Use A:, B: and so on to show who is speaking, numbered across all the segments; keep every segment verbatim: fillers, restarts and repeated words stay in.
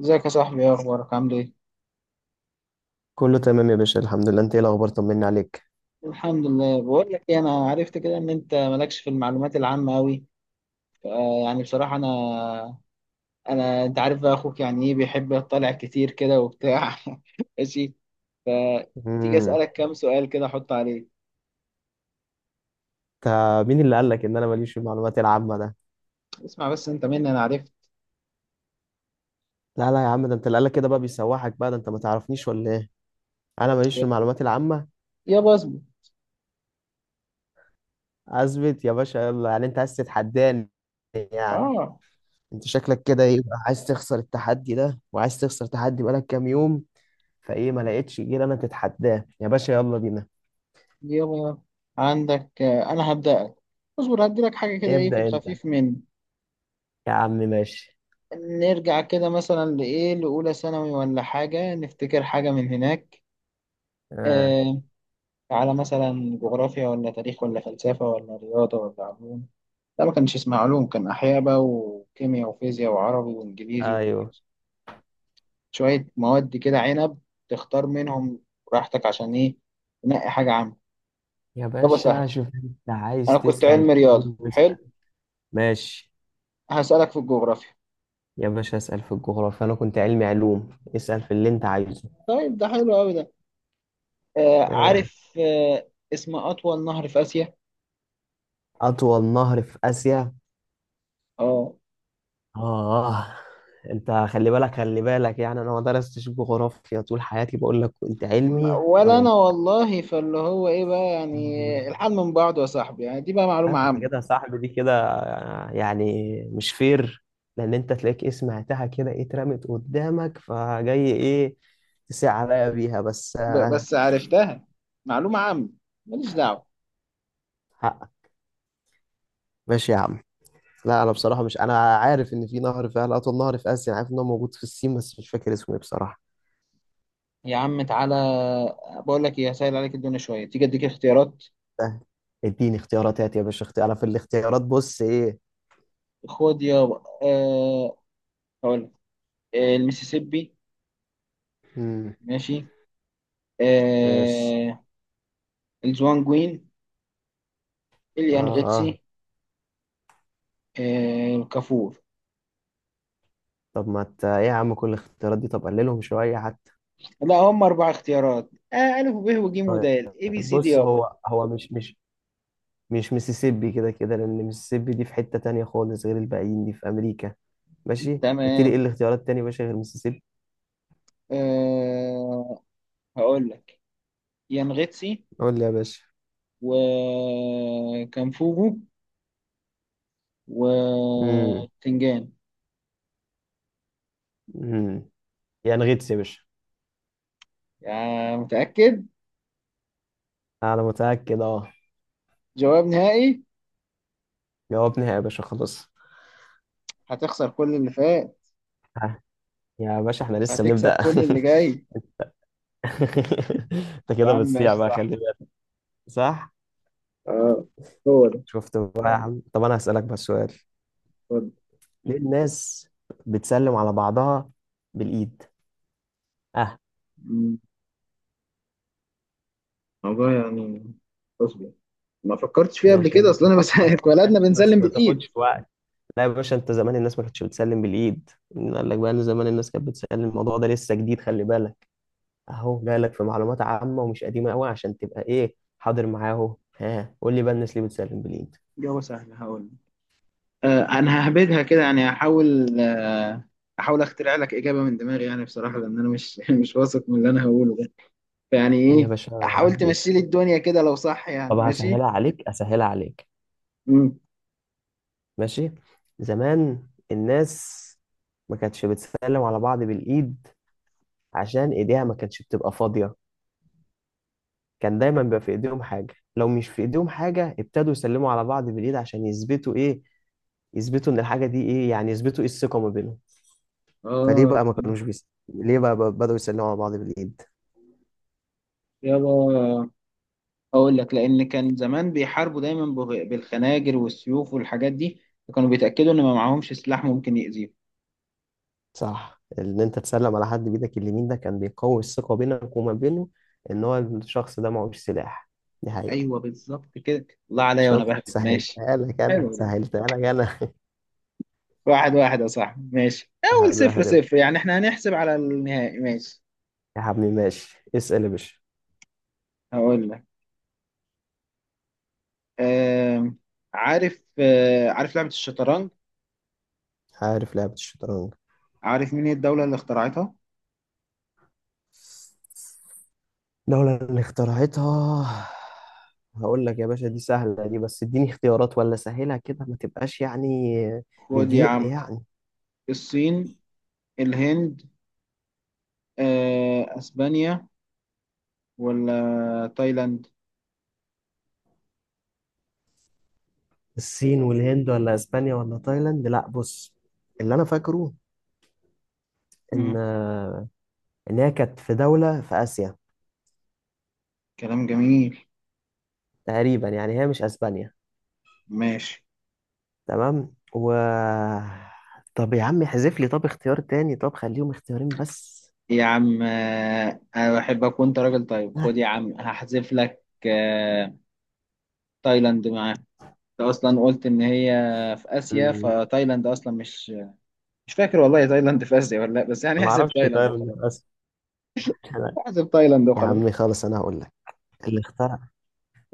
A: ازيك يا صاحبي؟ ايه اخبارك؟ عامل ايه؟
B: كله تمام يا باشا، الحمد لله. انت ايه الاخبار؟ طمني عليك.
A: الحمد لله. بقول لك ايه، انا عرفت كده ان انت مالكش في المعلومات العامه قوي. يعني بصراحه انا، انا انت عارف بقى اخوك يعني، ايه، بيحب يطلع كتير كده وبتاع. ماشي. تيجي
B: امم
A: اسالك كام سؤال كده احط عليه؟
B: انت، مين اللي قال لك ان انا ماليش في المعلومات العامه ده؟
A: اسمع بس، انت مني انا عرفت.
B: لا لا يا عم، ده انت اللي قال لك كده بقى بيسوحك. بقى ده انت ما تعرفنيش ولا ايه؟ انا ماليش في المعلومات العامه؟
A: يابا اصبر.
B: اثبت يا باشا، يلا. يعني انت عايز تتحداني؟ يعني
A: اه.
B: انت شكلك كده ايه بقى، عايز تخسر التحدي ده؟ وعايز تخسر تحدي بقالك كام يوم، فايه ما لقيتش غير انا تتحداه؟ يا باشا يلا بينا.
A: يابا عندك، آه، انا هبدأك. اصبر هدي لك حاجه كده، ايه في
B: ابدا انت،
A: الخفيف مني.
B: يا عم ماشي.
A: نرجع كده مثلا لايه، لاولى ثانوي ولا حاجه، نفتكر حاجه من هناك.
B: اه.
A: آه، على مثلا جغرافيا ولا تاريخ ولا فلسفة ولا رياضة ولا علوم. لا، ما كانش اسمها علوم، كان أحياء بقى وكيمياء وفيزياء وعربي وإنجليزي.
B: ايوه
A: وشوية مواد كده عنب، تختار منهم براحتك، عشان إيه؟ تنقي حاجة عامة.
B: يا
A: طب سهل.
B: باشا، شوف انت
A: أنا
B: عايز
A: كنت
B: تسأل
A: علم
B: في ايه.
A: رياضة حلو.
B: ماشي
A: هسألك في الجغرافيا.
B: يا باشا، اسأل في الجغرافيا. أنا كنت علمي علوم، اسأل في اللي أنت عايزه.
A: طيب ده حلو أوي ده. آه،
B: آه،
A: عارف. آه اسم أطول نهر في آسيا؟
B: أطول نهر في آسيا.
A: اه.
B: آه، أنت خلي بالك خلي بالك، يعني أنا ما درستش جغرافيا طول حياتي، بقول لك كنت
A: م-
B: علمي
A: ولا
B: و-
A: أنا والله، فاللي هو إيه بقى، يعني الحال من بعضه يا صاحبي، يعني دي بقى معلومة
B: فاهم أنت
A: عامة.
B: كده يا صاحبي؟ دي كده آه، يعني مش فير، لأن أنت تلاقيك إيه، سمعتها كده إيه، اترمت قدامك فجاي إيه تسيع عليا بيها بس.
A: ب-
B: آه،
A: بس عرفتها، معلومة عامة، ماليش دعوة.
B: حقك ماشي يا عم. لا انا بصراحه مش، انا عارف ان في نهر فعلا اطول نهر في اسيا، انا عارف ان هو موجود في الصين بس مش فاكر اسمه ايه بصراحه.
A: يا عم تعالى، بقول لك ايه، هسهل عليك الدنيا شوية، تيجي اديك اختيارات.
B: سهل، اديني اختيارات. هات يا باشا اختيار، انا في الاختيارات بص ايه.
A: خد يا، أه... هقول لك، آه، المسيسيبي.
B: امم
A: ماشي.
B: ماشي.
A: أه... الزوانجوين،
B: اه. اه.
A: اليانغتسي، أه... الكافور.
B: طب ما ت... ايه يا عم، كل الاختيارات دي؟ طب قللهم شويه حتى.
A: لا هم اربع اختيارات، آه، ألف وب وج
B: طيب،
A: ودال، اي بي سي دي
B: بص،
A: يابا.
B: هو هو مش مش مش ميسيسيبي كده كده، لان ميسيسيبي دي في حته تانية خالص غير الباقيين، دي في امريكا. ماشي، قلت لي ايه
A: تمام.
B: الاختيارات التانية يا باشا غير ميسيسيبي؟
A: أه... هقول لك، يانغتسي
B: قول لي يا باشا.
A: وكانفوجو
B: امم
A: وتنجان.
B: امم يعني غيتس يا باشا.
A: يا متأكد؟
B: انا متاكد اه.
A: جواب نهائي؟
B: جاوبني يا باشا خلاص.
A: هتخسر كل اللي فات،
B: ها، يا باشا احنا لسه
A: هتكسب
B: بنبدأ.
A: كل اللي جاي.
B: انت
A: يا
B: كده
A: عم
B: بتصيع
A: ماشي،
B: بقى،
A: صح.
B: خلي بالك. صح.
A: اه، هو ده،
B: شفت بقى يا عم؟ طب انا هسألك بس سؤال:
A: هو ده.
B: ليه الناس بتسلم على بعضها بالإيد؟ اه،
A: مم. والله يعني، اصبر، ما فكرتش فيها قبل
B: ماشي يا
A: كده،
B: باشا،
A: اصل انا بس
B: فكر فكر يا
A: اتولدنا
B: باشا بس
A: بنسلم
B: ما
A: بالايد.
B: تاخدش وقت. لا يا باشا، انت زمان الناس ما كانتش بتسلم بالإيد. مين قال لك بقى ان زمان الناس كانت بتسلم؟ الموضوع ده لسه جديد، خلي بالك. اهو جايلك في معلومات عامة ومش قديمة قوي عشان تبقى ايه، حاضر معاه. اهو ها، قول لي بقى، الناس ليه بتسلم بالإيد؟
A: جواب سهل هقول. آه، انا ههبدها كده يعني، هحاول، آه احاول اخترع لك اجابه من دماغي يعني بصراحه، لان انا مش مش واثق من اللي انا هقوله ده. يعني
B: يا
A: ايه؟
B: باشا
A: حاول
B: ودي،
A: تمشي لي الدنيا كده، لو صح
B: طب
A: يعني،
B: هسهلها
A: ماشي.
B: عليك، اسهلها عليك.
A: امم.
B: ماشي، زمان الناس ما كانتش بتسلم على بعض بالايد عشان ايديها ما كانتش بتبقى فاضيه. كان دايما بيبقى في ايديهم حاجه. لو مش في ايديهم حاجه، ابتدوا يسلموا على بعض بالايد عشان يثبتوا ايه؟ يثبتوا ان الحاجه دي ايه يعني يثبتوا ايه؟ الثقه ما بينهم. فليه
A: اه.
B: بقى ما كانوش بيس... ليه بقى، بقى بدأوا يسلموا على بعض بالايد؟
A: يلا، اقول لك، لان كان زمان بيحاربوا دايما بغ- بالخناجر والسيوف والحاجات دي، فكانوا بيتاكدوا ان ما معاهمش سلاح ممكن يأذيهم.
B: صح، ان انت تسلم على حد بايدك اليمين ده كان بيقوي الثقه بينك وما بينه، ان هو الشخص ده معهوش سلاح. دي حقيقة.
A: ايوه، بالظبط كده، الله عليا وانا
B: شفت؟
A: بهبد، ماشي.
B: سهلتها لك انا،
A: حلو ده.
B: سهلتها لك انا.
A: واحد واحد يا صاحبي، ماشي، اول
B: واحد
A: صفر
B: واحد يا ابني.
A: صفر، يعني احنا هنحسب على النهائي، ماشي.
B: يا حبيبي ماشي، اسال يا باشا.
A: هقول لك، آم، عارف، آه، عارف لعبة الشطرنج؟
B: عارف لعبة الشطرنج؟
A: عارف مين هي الدولة اللي اخترعتها؟
B: لولا ان اخترعتها. هقول لك يا باشا، دي سهلة دي، بس اديني اختيارات ولا سهلها كده، ما تبقاش يعني
A: خد يا
B: مضيق
A: عم،
B: يعني.
A: الصين، الهند، آه، اسبانيا، ولا تايلاند؟
B: الصين والهند ولا اسبانيا ولا تايلاند. لا، بص، اللي انا فاكره ان
A: مم.
B: ان هي كانت في دولة في اسيا
A: كلام جميل.
B: تقريبا، يعني هي مش اسبانيا.
A: ماشي
B: تمام. و طب يا عم احذف لي طب اختيار تاني، طب خليهم اختيارين بس.
A: يا عم، آه، انا بحبك وانت راجل طيب، خد
B: آه.
A: يا عم هحذف لك. آه، تايلاند معاه. انت اصلا قلت ان هي في اسيا،
B: مم.
A: فتايلاند اصلا مش، مش فاكر والله تايلاند في اسيا ولا لا، بس يعني
B: أنا ما
A: احذف
B: أعرفش.
A: تايلاند
B: طيب إن في
A: وخلاص.
B: أسف، أنا-
A: احذف تايلاند
B: يا
A: وخلاص.
B: عم خلاص، انا هقول لك. اللي اخترع،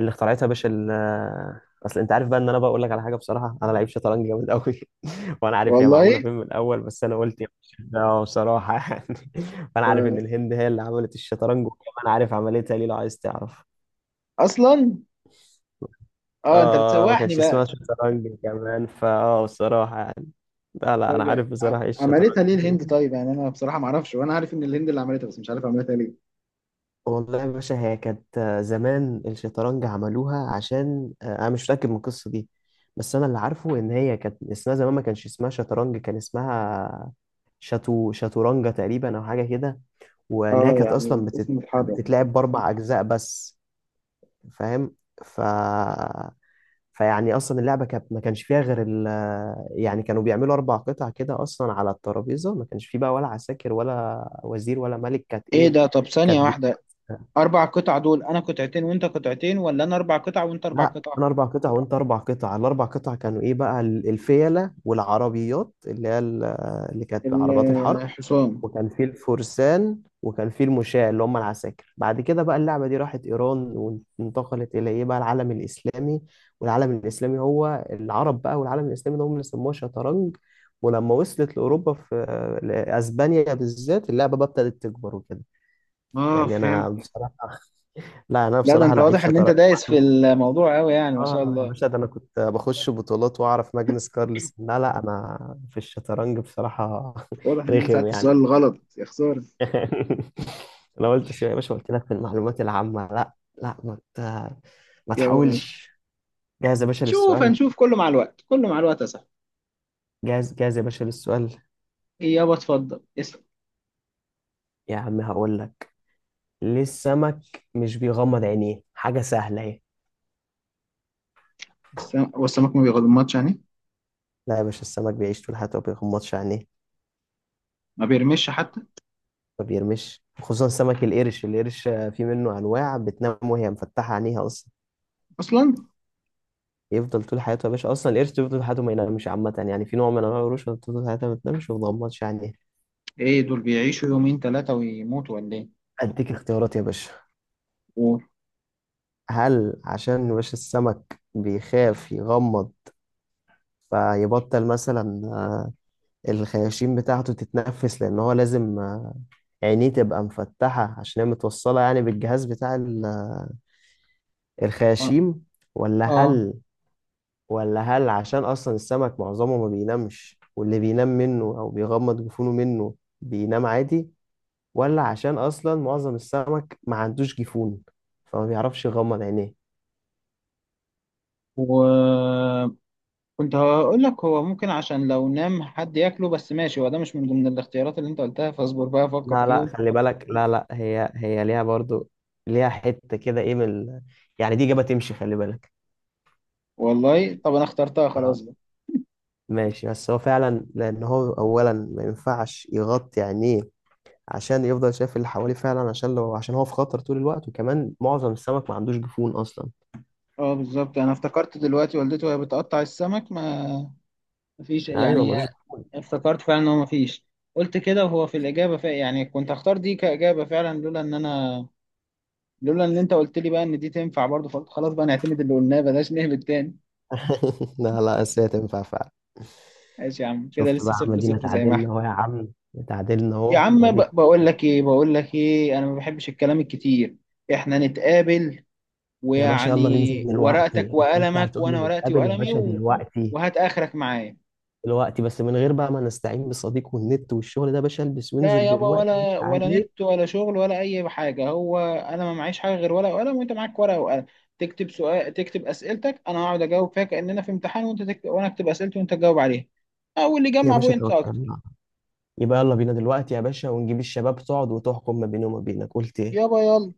B: اللي اخترعتها يا باشا ال- اصل انت عارف بقى، ان انا بقول لك على حاجه بصراحه، انا لعيب شطرنج جامد قوي. وانا عارف هي
A: والله،
B: معموله فين من الاول، بس انا قلت يا باشا ده بصراحه. يعني فانا عارف ان
A: آه،
B: الهند هي اللي عملت الشطرنج، وكمان عارف عملتها ليه لو عايز تعرف.
A: اصلا، اه انت
B: اه، ما
A: بتسوحني
B: كانش اسمها
A: بقى.
B: شطرنج كمان، فاه بصراحة يعني. لا لا، انا
A: طيب يعني
B: عارف
A: ع-
B: بصراحة ايه الشطرنج
A: عملتها ليه
B: و-
A: الهند؟ طيب يعني انا بصراحه ما اعرفش، وانا عارف ان الهند اللي عملتها بس مش عارف عملتها ليه.
B: والله يا باشا، هي كانت آه، زمان الشطرنج عملوها عشان آه، انا مش متأكد من القصة دي، بس انا اللي عارفه ان هي كانت اسمها زمان، ما كانش اسمها شطرنج، كان اسمها شاتو شاتورانجا تقريبا او حاجة كده. وان هي
A: اه،
B: كانت
A: يعني
B: اصلا بتت...
A: الاسم اتحرك.
B: بتتلعب باربع اجزاء بس. فاهم؟ ف فيعني اصلا اللعبه كانت ما كانش فيها غير ال... يعني كانوا بيعملوا اربع قطع كده اصلا على الترابيزه، ما كانش فيه بقى ولا عساكر ولا وزير ولا ملك. كانت
A: ايه
B: ايه؟
A: ده؟ طب ثانيه
B: كانت بي...
A: واحده، اربع قطع دول، انا قطعتين وانت قطعتين، ولا انا اربع قطع وانت اربع
B: لا
A: قطع؟
B: انا اربع قطع وانت اربع قطع. الاربع قطع كانوا ايه بقى، ال- الفيله والعربيات اللي هي ال- اللي كانت عربيات الحرب،
A: الحصان.
B: وكان في الفرسان، وكان في المشاة اللي هم العساكر. بعد كده بقى اللعبة دي راحت إيران، وانتقلت إلى إيه بقى، العالم الإسلامي. والعالم الإسلامي هو العرب بقى، والعالم الإسلامي ده هم اللي سموها شطرنج. ولما وصلت لأوروبا، في لأسبانيا بالذات، اللعبة بقى ابتدت تكبر وكده.
A: اه
B: يعني أنا
A: فهمت.
B: بصراحة، لا أنا
A: لا ده
B: بصراحة
A: انت
B: لعيب
A: واضح ان انت
B: شطرنج.
A: دايس في الموضوع قوي، يعني ما شاء
B: آه يا
A: الله.
B: باشا، ده أنا كنت بخش بطولات وأعرف ماجنس كارلسن. لا لا، أنا في الشطرنج بصراحة
A: واضح ان انا
B: رخم
A: سألت
B: يعني.
A: السؤال الغلط، يا خسارة.
B: انا قلت سيبها يا باشا، قلت لك في المعلومات العامة لا. لا ما ت... ما
A: يابا ماشي.
B: تحاولش. جاهز يا باشا
A: نشوف،
B: للسؤال.
A: هنشوف كله مع الوقت، كله مع الوقت يا صاحبي.
B: جاهز جاهز يا باشا للسؤال.
A: إيه يابا؟ اتفضل اسلم.
B: يا عم هقول لك، ليه السمك مش بيغمض عينيه؟ حاجة سهلة اهي.
A: السم- هو السمك ما بيغمضش يعني؟
B: لا يا باشا، السمك بيعيش طول حياته ما بيغمضش عينيه.
A: ما بيرمش حتى؟
B: ما بيرمش، خصوصا سمك القرش. القرش آه، في منه انواع بتنام وهي مفتحة عينيها اصلا.
A: اصلا؟
B: يفضل طول حياته يا باشا، اصلا القرش بيفضل طول حياته ما ينامش عامة، يعني في نوع من انواع القروش بتفضل طول حياتها ما بتنامش وما بتغمضش عينيها.
A: ايه دول بيعيشوا يومين ثلاثة ويموتوا ولا ايه؟
B: اديك اختيارات يا باشا:
A: قول.
B: هل عشان وش السمك بيخاف يغمض فيبطل مثلا آه، الخياشيم بتاعته تتنفس، لأن هو لازم آه، عينيه تبقى مفتحة عشان هي متوصلة يعني بالجهاز بتاع ال-
A: اه.
B: الخياشيم؟ ولا
A: آه.
B: هل، ولا هل عشان أصلا السمك معظمه ما بينامش، واللي بينام منه أو بيغمض جفونه منه بينام عادي؟ ولا عشان أصلا معظم السمك ما عندوش جفون فما بيعرفش يغمض عينيه؟
A: و كنت هقول لك هو ممكن عشان لو نام حد ياكله، بس ماشي، هو ده مش من ضمن الاختيارات اللي انت قلتها، فاصبر بقى افكر
B: لا لا
A: فيهم.
B: خلي بالك، لا لا، هي هي ليها برضو، ليها حتة كده ايه من ال- يعني دي إجابة تمشي، خلي بالك.
A: والله طب انا اخترتها
B: اه
A: خلاص بقى.
B: ماشي، بس هو فعلا، لأن هو أولا ما ينفعش يغطي عينيه عشان يفضل شايف اللي حواليه فعلا، عشان لو عشان هو في خطر طول الوقت، وكمان معظم السمك ما عندوش جفون أصلا.
A: اه بالظبط، انا افتكرت دلوقتي والدته وهي بتقطع السمك، ما، مفيش
B: أيوه
A: يعني،
B: ملوش جفون.
A: افتكرت فعلا ان هو مفيش. قلت كده وهو في الاجابه فعلا، يعني كنت هختار دي كاجابه فعلا لولا ان انا، لولا ان انت قلت لي بقى ان دي تنفع برضه، فقلت خلاص بقى نعتمد اللي قلناه بلاش نهبط تاني.
B: لا لا بس هي تنفع فعلا.
A: ماشي يا عم، كده
B: شفت بقى
A: لسه
B: يا
A: صفر
B: عم؟ دينا
A: صفر زي ما
B: تعادلنا
A: احنا.
B: أهو يا عم، تعادلنا
A: يا
B: أهو
A: عم ب-
B: وأديك.
A: بقول لك ايه بقول لك ايه، انا ما بحبش الكلام الكتير. احنا نتقابل،
B: يا باشا
A: ويعني
B: يلا ننزل
A: ورقتك
B: دلوقتي؟ أنت لسه
A: وقلمك
B: هتقول
A: وانا
B: لي
A: ورقتي
B: نتقابل يا
A: وقلمي
B: باشا
A: و،
B: دلوقتي؟
A: وهات اخرك معايا.
B: دلوقتي بس من غير بقى ما نستعين بالصديق والنت والشغل ده يا باشا، البس
A: لا
B: وانزل
A: يابا،
B: دلوقتي عدي
A: ولا ولا
B: عليك.
A: نت ولا شغل ولا اي حاجه، هو انا ما معيش حاجه غير ورقه وقلم وانت معاك ورقه وقلم، تكتب سؤال، تكتب اسئلتك، انا هقعد اجاوب فيها كاننا في امتحان، وانت تكتب وانا اكتب اسئلتي وانت تجاوب عليها، او اللي
B: يا
A: يجمع
B: باشا
A: بوينتس اكتر.
B: توكلنا، يبقى يلا بينا دلوقتي يا باشا، ونجيب الشباب تقعد وتحكم ما بيني وما بينك، قلت ايه؟
A: يابا يلا،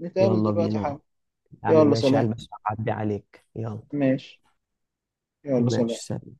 A: نتقابل
B: يلا
A: دلوقتي حالا.
B: بينا. يا عم
A: يلا
B: ماشي،
A: سلام.
B: هلبس وأعدي عليك، يلا.
A: ماشي. يلا سلام.
B: ماشي سلام.